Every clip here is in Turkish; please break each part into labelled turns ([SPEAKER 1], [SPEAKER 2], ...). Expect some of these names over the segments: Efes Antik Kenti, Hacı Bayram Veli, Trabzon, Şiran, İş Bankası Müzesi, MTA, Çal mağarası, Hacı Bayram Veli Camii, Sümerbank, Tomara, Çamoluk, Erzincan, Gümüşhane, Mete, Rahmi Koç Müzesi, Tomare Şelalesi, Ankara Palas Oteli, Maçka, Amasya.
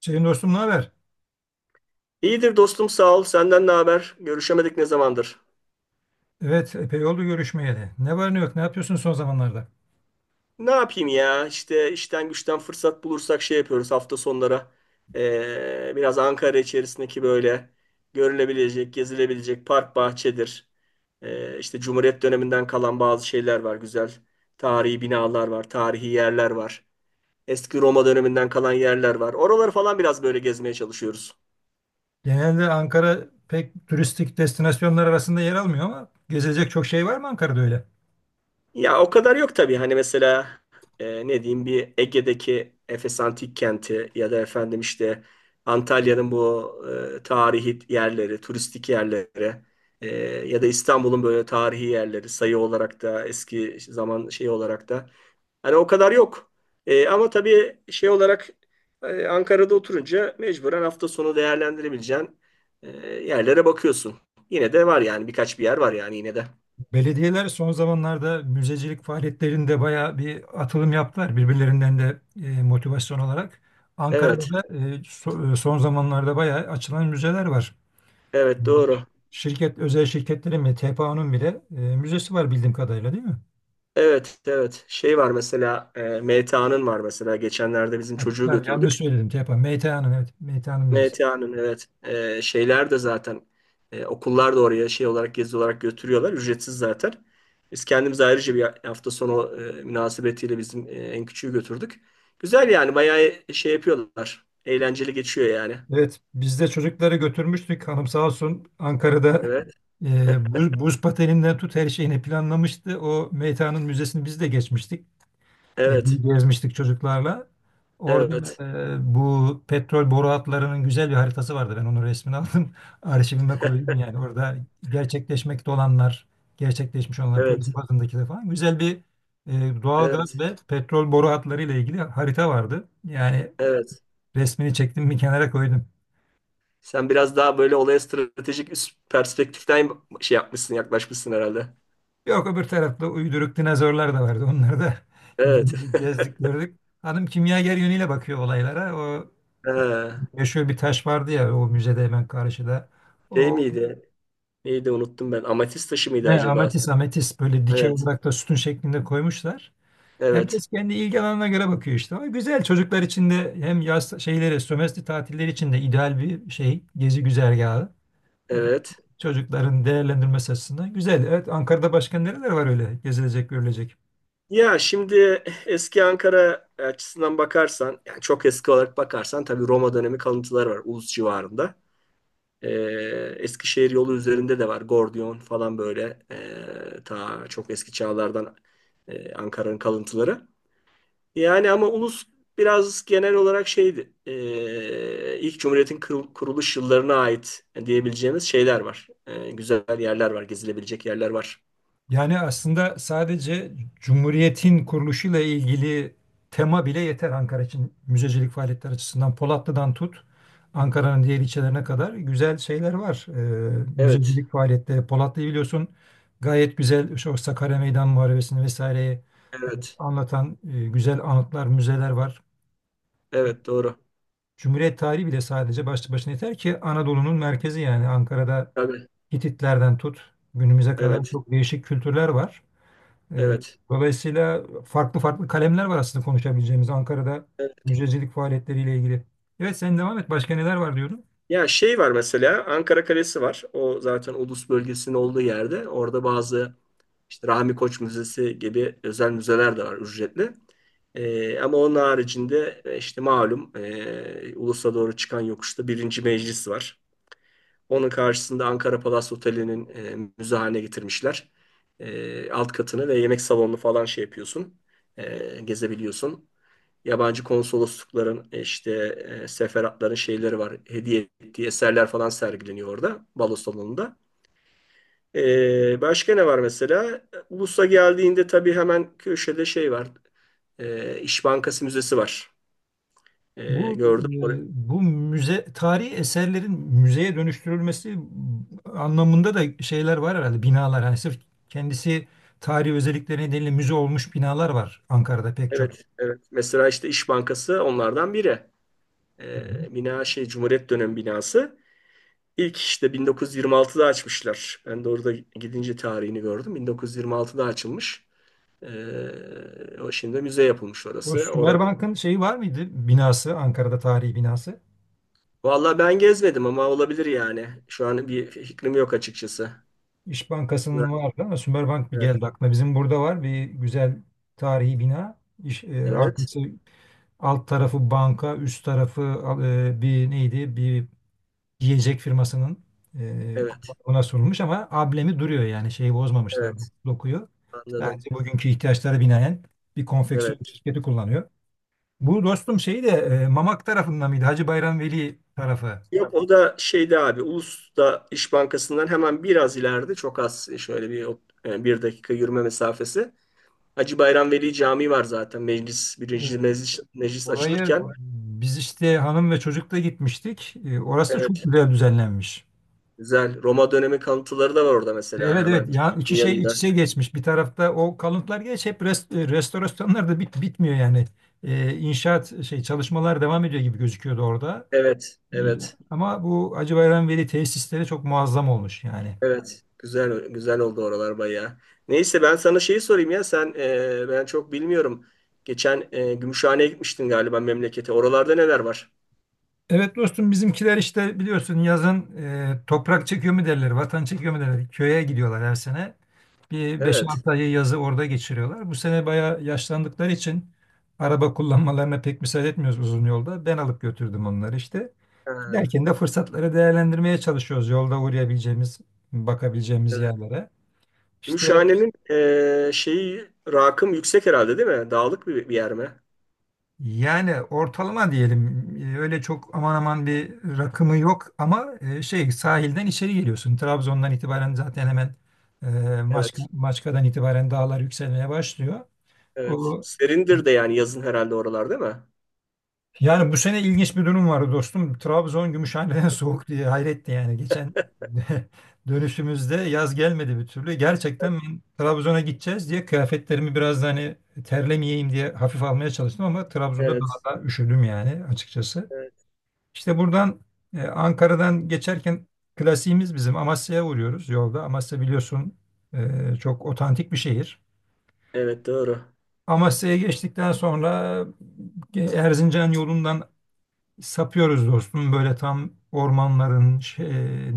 [SPEAKER 1] Şeyin dostum ne haber?
[SPEAKER 2] İyidir dostum, sağ ol. Senden ne haber? Görüşemedik ne zamandır?
[SPEAKER 1] Evet, epey oldu görüşmeyeli. Ne var ne yok, ne yapıyorsun son zamanlarda?
[SPEAKER 2] Ne yapayım ya? İşte işten güçten fırsat bulursak şey yapıyoruz hafta sonları. Biraz Ankara içerisindeki böyle görülebilecek, gezilebilecek park bahçedir. İşte Cumhuriyet döneminden kalan bazı şeyler var. Güzel tarihi binalar var, tarihi yerler var. Eski Roma döneminden kalan yerler var. Oraları falan biraz böyle gezmeye çalışıyoruz.
[SPEAKER 1] Genelde Ankara pek turistik destinasyonlar arasında yer almıyor ama gezecek çok şey var mı Ankara'da öyle?
[SPEAKER 2] Ya o kadar yok tabii. Hani mesela ne diyeyim, bir Ege'deki Efes Antik Kenti ya da efendim işte Antalya'nın bu tarihi yerleri, turistik yerleri, e, ya da İstanbul'un böyle tarihi yerleri, sayı olarak da eski zaman şey olarak da hani o kadar yok. Ama tabii şey olarak Ankara'da oturunca mecburen hafta sonu değerlendirebileceğin yerlere bakıyorsun. Yine de var yani, birkaç bir yer var yani, yine de.
[SPEAKER 1] Belediyeler son zamanlarda müzecilik faaliyetlerinde bayağı bir atılım yaptılar birbirlerinden de motivasyon olarak. Ankara'da
[SPEAKER 2] Evet,
[SPEAKER 1] da son zamanlarda bayağı açılan müzeler var.
[SPEAKER 2] evet, doğru.
[SPEAKER 1] Şirket, özel şirketlerin ve TPA'nın bile müzesi var bildiğim kadarıyla değil mi?
[SPEAKER 2] Evet, evet. Şey var mesela, MTA'nın var mesela. Geçenlerde bizim
[SPEAKER 1] Ha,
[SPEAKER 2] çocuğu
[SPEAKER 1] tabii yanlış
[SPEAKER 2] götürdük.
[SPEAKER 1] söyledim TPA, MTA'nın evet, MTA'nın müzesi.
[SPEAKER 2] MTA'nın, evet. Şeyler de zaten okullar da oraya şey olarak, gezi olarak götürüyorlar. Ücretsiz zaten. Biz kendimiz ayrıca bir hafta sonu münasebetiyle bizim en küçüğü götürdük. Güzel yani, bayağı şey yapıyorlar. Eğlenceli geçiyor yani.
[SPEAKER 1] Evet, biz de çocukları götürmüştük. Hanım sağ olsun Ankara'da
[SPEAKER 2] Evet,
[SPEAKER 1] buz pateninden tut her şeyini planlamıştı. O Meytan'ın müzesini biz de geçmiştik. E,
[SPEAKER 2] evet,
[SPEAKER 1] gezmiştik çocuklarla. Orada
[SPEAKER 2] evet,
[SPEAKER 1] bu petrol boru hatlarının güzel bir haritası vardı. Ben onun resmini aldım. Arşivime koydum yani. Orada gerçekleşmekte olanlar, gerçekleşmiş olanlar
[SPEAKER 2] evet,
[SPEAKER 1] proje bazındaki de falan. Güzel bir doğal gaz
[SPEAKER 2] evet,
[SPEAKER 1] ve petrol boru hatları ile ilgili harita vardı. Yani
[SPEAKER 2] evet.
[SPEAKER 1] resmini çektim bir kenara koydum.
[SPEAKER 2] Sen biraz daha böyle olaya stratejik üst perspektiften şey yapmışsın, yaklaşmışsın herhalde.
[SPEAKER 1] Yok öbür tarafta uyduruk dinozorlar da vardı. Onları da
[SPEAKER 2] Evet.
[SPEAKER 1] gezdik, gezdik gördük. Hanım kimyager yönüyle bakıyor olaylara. O e,
[SPEAKER 2] Ha,
[SPEAKER 1] yaşıyor bir taş vardı ya o müzede hemen karşıda.
[SPEAKER 2] şey
[SPEAKER 1] O
[SPEAKER 2] miydi? Neydi, unuttum ben. Amatist taşı mıydı
[SPEAKER 1] he,
[SPEAKER 2] acaba?
[SPEAKER 1] ametist böyle dikey
[SPEAKER 2] Evet.
[SPEAKER 1] olarak da sütun şeklinde koymuşlar.
[SPEAKER 2] Evet.
[SPEAKER 1] Herkes kendi ilgi alanına göre bakıyor işte. Ama güzel çocuklar için de hem yaz şeyleri, sömestr tatilleri için de ideal bir şey. Gezi güzergahı. E,
[SPEAKER 2] Evet.
[SPEAKER 1] Çocukların değerlendirmesi açısından güzel. Evet Ankara'da başka nereler var öyle gezilecek, görülecek?
[SPEAKER 2] Ya şimdi eski Ankara açısından bakarsan, yani çok eski olarak bakarsan, tabii Roma dönemi kalıntılar var Ulus civarında. Ee, Eskişehir yolu üzerinde de var. Gordiyon falan, böyle ta çok eski çağlardan Ankara'nın kalıntıları. Yani ama ulus biraz genel olarak şeydi. İlk Cumhuriyet'in kuruluş yıllarına ait diyebileceğimiz şeyler var. Güzel yerler var, gezilebilecek yerler var.
[SPEAKER 1] Yani aslında sadece Cumhuriyet'in kuruluşuyla ilgili tema bile yeter Ankara için müzecilik faaliyetleri açısından. Polatlı'dan tut Ankara'nın diğer ilçelerine kadar güzel şeyler var. Ee,
[SPEAKER 2] Evet,
[SPEAKER 1] müzecilik faaliyetleri. Polatlı'yı biliyorsun gayet güzel şu Sakarya Meydan Muharebesi'ni vesaireyi e,
[SPEAKER 2] evet,
[SPEAKER 1] anlatan güzel anıtlar, müzeler var.
[SPEAKER 2] evet, doğru.
[SPEAKER 1] Cumhuriyet tarihi bile sadece başlı başına yeter ki Anadolu'nun merkezi yani Ankara'da
[SPEAKER 2] Tabii,
[SPEAKER 1] Hititlerden tut günümüze kadar
[SPEAKER 2] evet,
[SPEAKER 1] çok değişik kültürler var. Ee,
[SPEAKER 2] evet.
[SPEAKER 1] dolayısıyla farklı farklı kalemler var aslında konuşabileceğimiz Ankara'da
[SPEAKER 2] Evet.
[SPEAKER 1] müzecilik faaliyetleriyle ilgili. Evet sen devam et. Başka neler var diyorum.
[SPEAKER 2] Ya şey var mesela, Ankara Kalesi var. O zaten ulus bölgesinin olduğu yerde. Orada bazı İşte Rahmi Koç Müzesi gibi özel müzeler de var, ücretli. Ama onun haricinde işte malum, Ulus'a doğru çıkan yokuşta birinci meclis var. Onun karşısında Ankara Palas Oteli'nin müze haline getirmişler. E, alt katını ve yemek salonunu falan şey yapıyorsun, gezebiliyorsun. Yabancı konsoloslukların işte seferatların şeyleri var. Hediye ettiği eserler falan sergileniyor orada balo salonunda. Başka ne var mesela? Ulus'a geldiğinde tabii hemen köşede şey var. İş Bankası Müzesi var.
[SPEAKER 1] Bu
[SPEAKER 2] Gördüm
[SPEAKER 1] e,
[SPEAKER 2] orayı.
[SPEAKER 1] bu müze tarihi eserlerin müzeye dönüştürülmesi anlamında da şeyler var herhalde binalar. Hani sırf kendisi tarihi özellikleri nedeniyle müze olmuş binalar var Ankara'da pek çok.
[SPEAKER 2] Evet, evet. Mesela işte İş Bankası onlardan biri.
[SPEAKER 1] Hı hı.
[SPEAKER 2] Bina şey, Cumhuriyet dönemi binası. İlk işte 1926'da açmışlar. Ben de orada gidince tarihini gördüm. 1926'da açılmış. O şimdi müze yapılmış
[SPEAKER 1] O
[SPEAKER 2] orası. Orada.
[SPEAKER 1] Sümer şeyi var mıydı binası Ankara'da tarihi binası?
[SPEAKER 2] Vallahi ben gezmedim ama olabilir yani. Şu an bir fikrim yok açıkçası.
[SPEAKER 1] İş Bankası'nın vardı ama Sümerbank bir
[SPEAKER 2] Evet,
[SPEAKER 1] geldi aklına. Bizim burada var bir güzel tarihi bina. İş,
[SPEAKER 2] evet.
[SPEAKER 1] arkası alt tarafı banka, üst tarafı bir neydi? Bir yiyecek firmasının
[SPEAKER 2] Evet,
[SPEAKER 1] kullanımına sunulmuş ama ablemi duruyor yani şeyi bozmamışlar
[SPEAKER 2] evet,
[SPEAKER 1] dokuyu.
[SPEAKER 2] anladım.
[SPEAKER 1] Sadece bugünkü ihtiyaçlara binaen bir konfeksiyon
[SPEAKER 2] Evet.
[SPEAKER 1] şirketi kullanıyor. Bu dostum şey de Mamak tarafından mıydı? Hacı Bayram Veli tarafı.
[SPEAKER 2] Yok, tamam. O da şeyde abi, Ulus'ta İş Bankası'ndan hemen biraz ileride, çok az şöyle bir bir dakika yürüme mesafesi. Hacı Bayram Veli Camii var zaten, meclis, birinci
[SPEAKER 1] E,
[SPEAKER 2] meclis, meclis
[SPEAKER 1] Oraya
[SPEAKER 2] açılırken.
[SPEAKER 1] biz işte hanım ve çocukla gitmiştik. Orası da çok
[SPEAKER 2] Evet,
[SPEAKER 1] güzel düzenlenmiş.
[SPEAKER 2] güzel Roma dönemi kalıntıları da var orada mesela,
[SPEAKER 1] Evet
[SPEAKER 2] hemen
[SPEAKER 1] evet ya iki şey iç
[SPEAKER 2] yanında.
[SPEAKER 1] içe geçmiş. Bir tarafta o kalıntılar geç hep restorasyonlar da bitmiyor yani. E, inşaat şey çalışmalar devam ediyor gibi gözüküyordu orada.
[SPEAKER 2] Evet,
[SPEAKER 1] E,
[SPEAKER 2] evet,
[SPEAKER 1] ama bu Hacıbayram Veli tesisleri çok muazzam olmuş yani.
[SPEAKER 2] evet, güzel, güzel oldu oralar bayağı. Neyse, ben sana şeyi sorayım ya, sen ben çok bilmiyorum. Geçen Gümüşhane'ye gitmiştin galiba, memlekete. Oralarda neler var?
[SPEAKER 1] Evet dostum bizimkiler işte biliyorsun yazın toprak çekiyor mu derler, vatan çekiyor mu derler. Köye gidiyorlar her sene. Bir beş
[SPEAKER 2] Evet.
[SPEAKER 1] altı ayı yazı orada geçiriyorlar. Bu sene bayağı yaşlandıkları için araba kullanmalarına pek müsaade etmiyoruz uzun yolda. Ben alıp götürdüm onları işte.
[SPEAKER 2] Ha,
[SPEAKER 1] Giderken de fırsatları değerlendirmeye çalışıyoruz. Yolda uğrayabileceğimiz, bakabileceğimiz
[SPEAKER 2] evet.
[SPEAKER 1] yerlere. İşte
[SPEAKER 2] Gümüşhane'nin şeyi, rakım yüksek herhalde değil mi? Dağlık bir yer mi?
[SPEAKER 1] yani ortalama diyelim öyle çok aman aman bir rakımı yok ama şey sahilden içeri geliyorsun. Trabzon'dan itibaren zaten hemen Maçka,
[SPEAKER 2] Evet.
[SPEAKER 1] Maçka'dan itibaren dağlar yükselmeye başlıyor.
[SPEAKER 2] Evet.
[SPEAKER 1] O
[SPEAKER 2] Serindir de yani yazın herhalde oralar, değil mi?
[SPEAKER 1] Yani bu sene ilginç bir durum vardı dostum. Trabzon Gümüşhane'den soğuk diye hayretti yani. Geçen dönüşümüzde yaz gelmedi bir türlü. Gerçekten ben Trabzon'a gideceğiz diye kıyafetlerimi biraz da hani terlemeyeyim diye hafif almaya çalıştım ama Trabzon'da
[SPEAKER 2] Evet.
[SPEAKER 1] daha da üşüdüm yani açıkçası.
[SPEAKER 2] Evet.
[SPEAKER 1] İşte buradan Ankara'dan geçerken klasiğimiz bizim Amasya'ya uğruyoruz yolda. Amasya biliyorsun çok otantik bir şehir.
[SPEAKER 2] Evet, doğru.
[SPEAKER 1] Amasya'ya geçtikten sonra Erzincan yolundan sapıyoruz dostum böyle tam ormanların,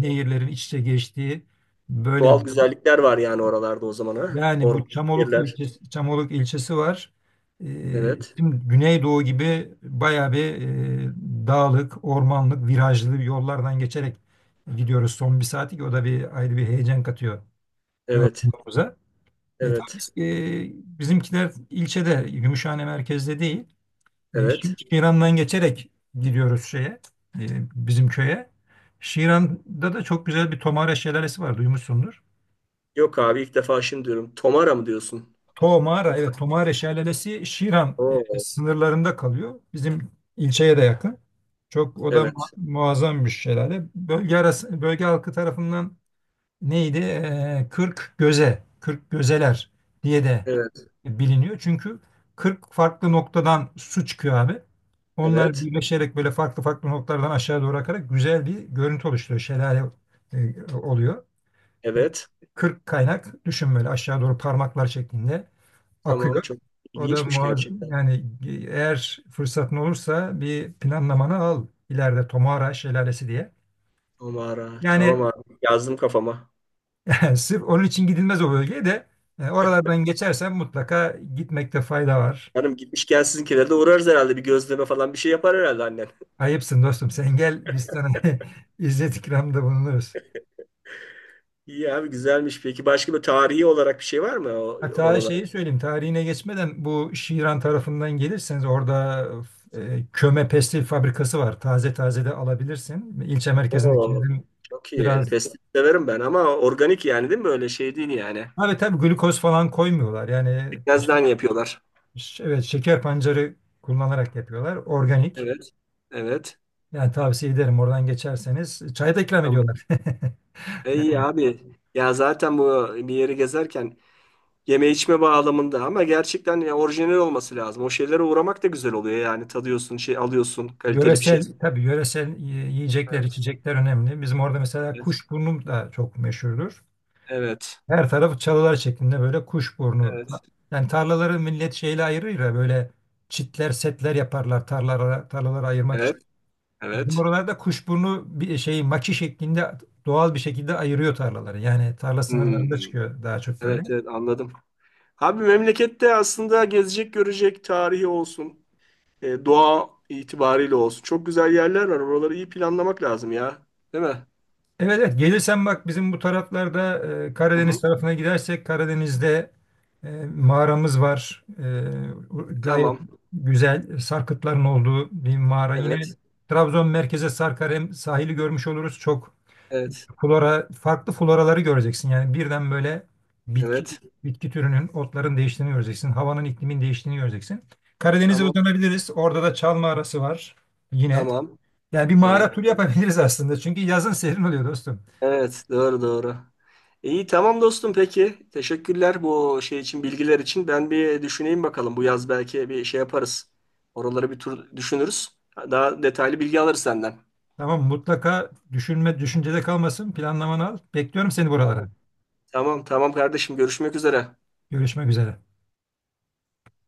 [SPEAKER 1] nehirlerin iç içe geçtiği böyle
[SPEAKER 2] Doğal güzellikler var yani oralarda o zaman, ha.
[SPEAKER 1] yani
[SPEAKER 2] Orman
[SPEAKER 1] bu Çamoluk
[SPEAKER 2] yerler.
[SPEAKER 1] ilçesi, Çamoluk ilçesi var.
[SPEAKER 2] Evet.
[SPEAKER 1] Şimdi Güneydoğu gibi bayağı bir dağlık, ormanlık, virajlı yollardan geçerek gidiyoruz son bir saati ki o da bir ayrı bir heyecan katıyor
[SPEAKER 2] Evet.
[SPEAKER 1] yolculuğumuza. Tabii
[SPEAKER 2] Evet.
[SPEAKER 1] bizimkiler ilçede, Gümüşhane merkezde değil.
[SPEAKER 2] Evet.
[SPEAKER 1] Şiran'dan geçerek gidiyoruz e, bizim köye. Şiran'da da çok güzel bir Tomare Şelalesi var, duymuşsundur.
[SPEAKER 2] Yok abi, ilk defa şimdi diyorum. Tomara mı diyorsun?
[SPEAKER 1] Tomara, evet Tomare Şelalesi Şiran
[SPEAKER 2] Oo.
[SPEAKER 1] sınırlarında kalıyor. Bizim ilçeye de yakın. Çok o da
[SPEAKER 2] Evet.
[SPEAKER 1] muazzam bir şelale. Bölge arası, bölge halkı tarafından neydi? 40 göze, 40 gözeler diye de
[SPEAKER 2] Evet.
[SPEAKER 1] biliniyor. Çünkü 40 farklı noktadan su çıkıyor abi. Onlar
[SPEAKER 2] Evet.
[SPEAKER 1] birleşerek böyle farklı farklı noktalardan aşağı doğru akarak güzel bir görüntü oluşturuyor. Şelale oluyor.
[SPEAKER 2] Evet.
[SPEAKER 1] 40 kaynak düşün böyle aşağı doğru parmaklar şeklinde
[SPEAKER 2] Tamam,
[SPEAKER 1] akıyor.
[SPEAKER 2] çok
[SPEAKER 1] O da
[SPEAKER 2] ilginçmiş gerçekten.
[SPEAKER 1] yani eğer fırsatın olursa bir planlamanı al ileride Tomara Şelalesi diye.
[SPEAKER 2] O mağara.
[SPEAKER 1] Yani
[SPEAKER 2] Tamam abi. Yazdım kafama.
[SPEAKER 1] sırf onun için gidilmez o bölgeye de oralardan geçersen mutlaka gitmekte fayda var.
[SPEAKER 2] Hanım gitmişken sizinkilere de uğrarız herhalde. Bir gözleme falan bir şey yapar herhalde annen.
[SPEAKER 1] Ayıpsın dostum sen gel biz sana izzet ikramda bulunuruz.
[SPEAKER 2] İyi abi, güzelmiş. Peki başka bir tarihi olarak bir şey var mı o-
[SPEAKER 1] Hatta
[SPEAKER 2] oralarda?
[SPEAKER 1] şeyi söyleyeyim tarihine geçmeden bu Şiran tarafından gelirseniz orada köme pestil fabrikası var. Taze taze de alabilirsin. İlçe merkezindeki
[SPEAKER 2] Oo,
[SPEAKER 1] bizim
[SPEAKER 2] çok iyi.
[SPEAKER 1] biraz...
[SPEAKER 2] Pestil severim ben, ama organik yani, değil mi? Öyle şey değil yani.
[SPEAKER 1] Abi tabii glukoz falan koymuyorlar. Yani
[SPEAKER 2] Pekmezden yapıyorlar.
[SPEAKER 1] evet şeker pancarı kullanarak yapıyorlar. Organik.
[SPEAKER 2] Evet. Evet.
[SPEAKER 1] Yani tavsiye ederim oradan geçerseniz. Çay da ikram
[SPEAKER 2] Tamam.
[SPEAKER 1] ediyorlar.
[SPEAKER 2] İyi abi. Ya zaten bu, bir yeri gezerken yeme içme bağlamında, ama gerçekten ya, orijinal olması lazım. O şeylere uğramak da güzel oluyor yani. Tadıyorsun, şey alıyorsun, kaliteli bir şey.
[SPEAKER 1] Yöresel tabii yöresel yiyecekler,
[SPEAKER 2] Evet.
[SPEAKER 1] içecekler önemli. Bizim orada mesela
[SPEAKER 2] Evet.
[SPEAKER 1] kuşburnu da çok meşhurdur.
[SPEAKER 2] Evet.
[SPEAKER 1] Her tarafı çalılar şeklinde böyle kuşburnu.
[SPEAKER 2] Evet.
[SPEAKER 1] Yani tarlaları millet şeyle ayırır ya böyle çitler, setler yaparlar tarlalara, tarlaları ayırmak
[SPEAKER 2] Evet.
[SPEAKER 1] için. Bizim
[SPEAKER 2] Evet.
[SPEAKER 1] oralarda kuşburnu bir şey maki şeklinde doğal bir şekilde ayırıyor tarlaları. Yani tarla sınırlarında
[SPEAKER 2] Hmm.
[SPEAKER 1] çıkıyor daha çok böyle.
[SPEAKER 2] Evet, evet, anladım. Abi memlekette aslında gezecek, görecek, tarihi olsun, doğa itibariyle olsun, çok güzel yerler var. Oraları iyi planlamak lazım ya. Değil mi?
[SPEAKER 1] Evet evet gelirsen bak bizim bu taraflarda
[SPEAKER 2] Hı
[SPEAKER 1] Karadeniz
[SPEAKER 2] hı.
[SPEAKER 1] tarafına gidersek Karadeniz'de e, mağaramız var. Gayet
[SPEAKER 2] Tamam.
[SPEAKER 1] güzel sarkıtların olduğu bir mağara. Yine
[SPEAKER 2] Evet.
[SPEAKER 1] Trabzon merkeze sarkar hem sahili görmüş oluruz. Çok
[SPEAKER 2] Evet.
[SPEAKER 1] farklı floraları göreceksin. Yani birden böyle bitki
[SPEAKER 2] Evet.
[SPEAKER 1] bitki türünün otların değiştiğini göreceksin. Havanın iklimin değiştiğini göreceksin. Karadeniz'e
[SPEAKER 2] Tamam.
[SPEAKER 1] uzanabiliriz. Orada da Çal mağarası var yine.
[SPEAKER 2] Tamam.
[SPEAKER 1] Yani bir mağara
[SPEAKER 2] Evet.
[SPEAKER 1] turu yapabiliriz aslında. Çünkü yazın serin oluyor dostum.
[SPEAKER 2] Evet, doğru, doğru. İyi tamam dostum, peki. Teşekkürler bu şey için, bilgiler için. Ben bir düşüneyim bakalım. Bu yaz belki bir şey yaparız. Oraları bir tur düşünürüz. Daha detaylı bilgi alırız senden.
[SPEAKER 1] Tamam mutlaka düşünme düşüncede kalmasın. Planlamanı al. Bekliyorum seni buralara.
[SPEAKER 2] Tamam. Tamam, tamam kardeşim, görüşmek üzere.
[SPEAKER 1] Görüşmek üzere.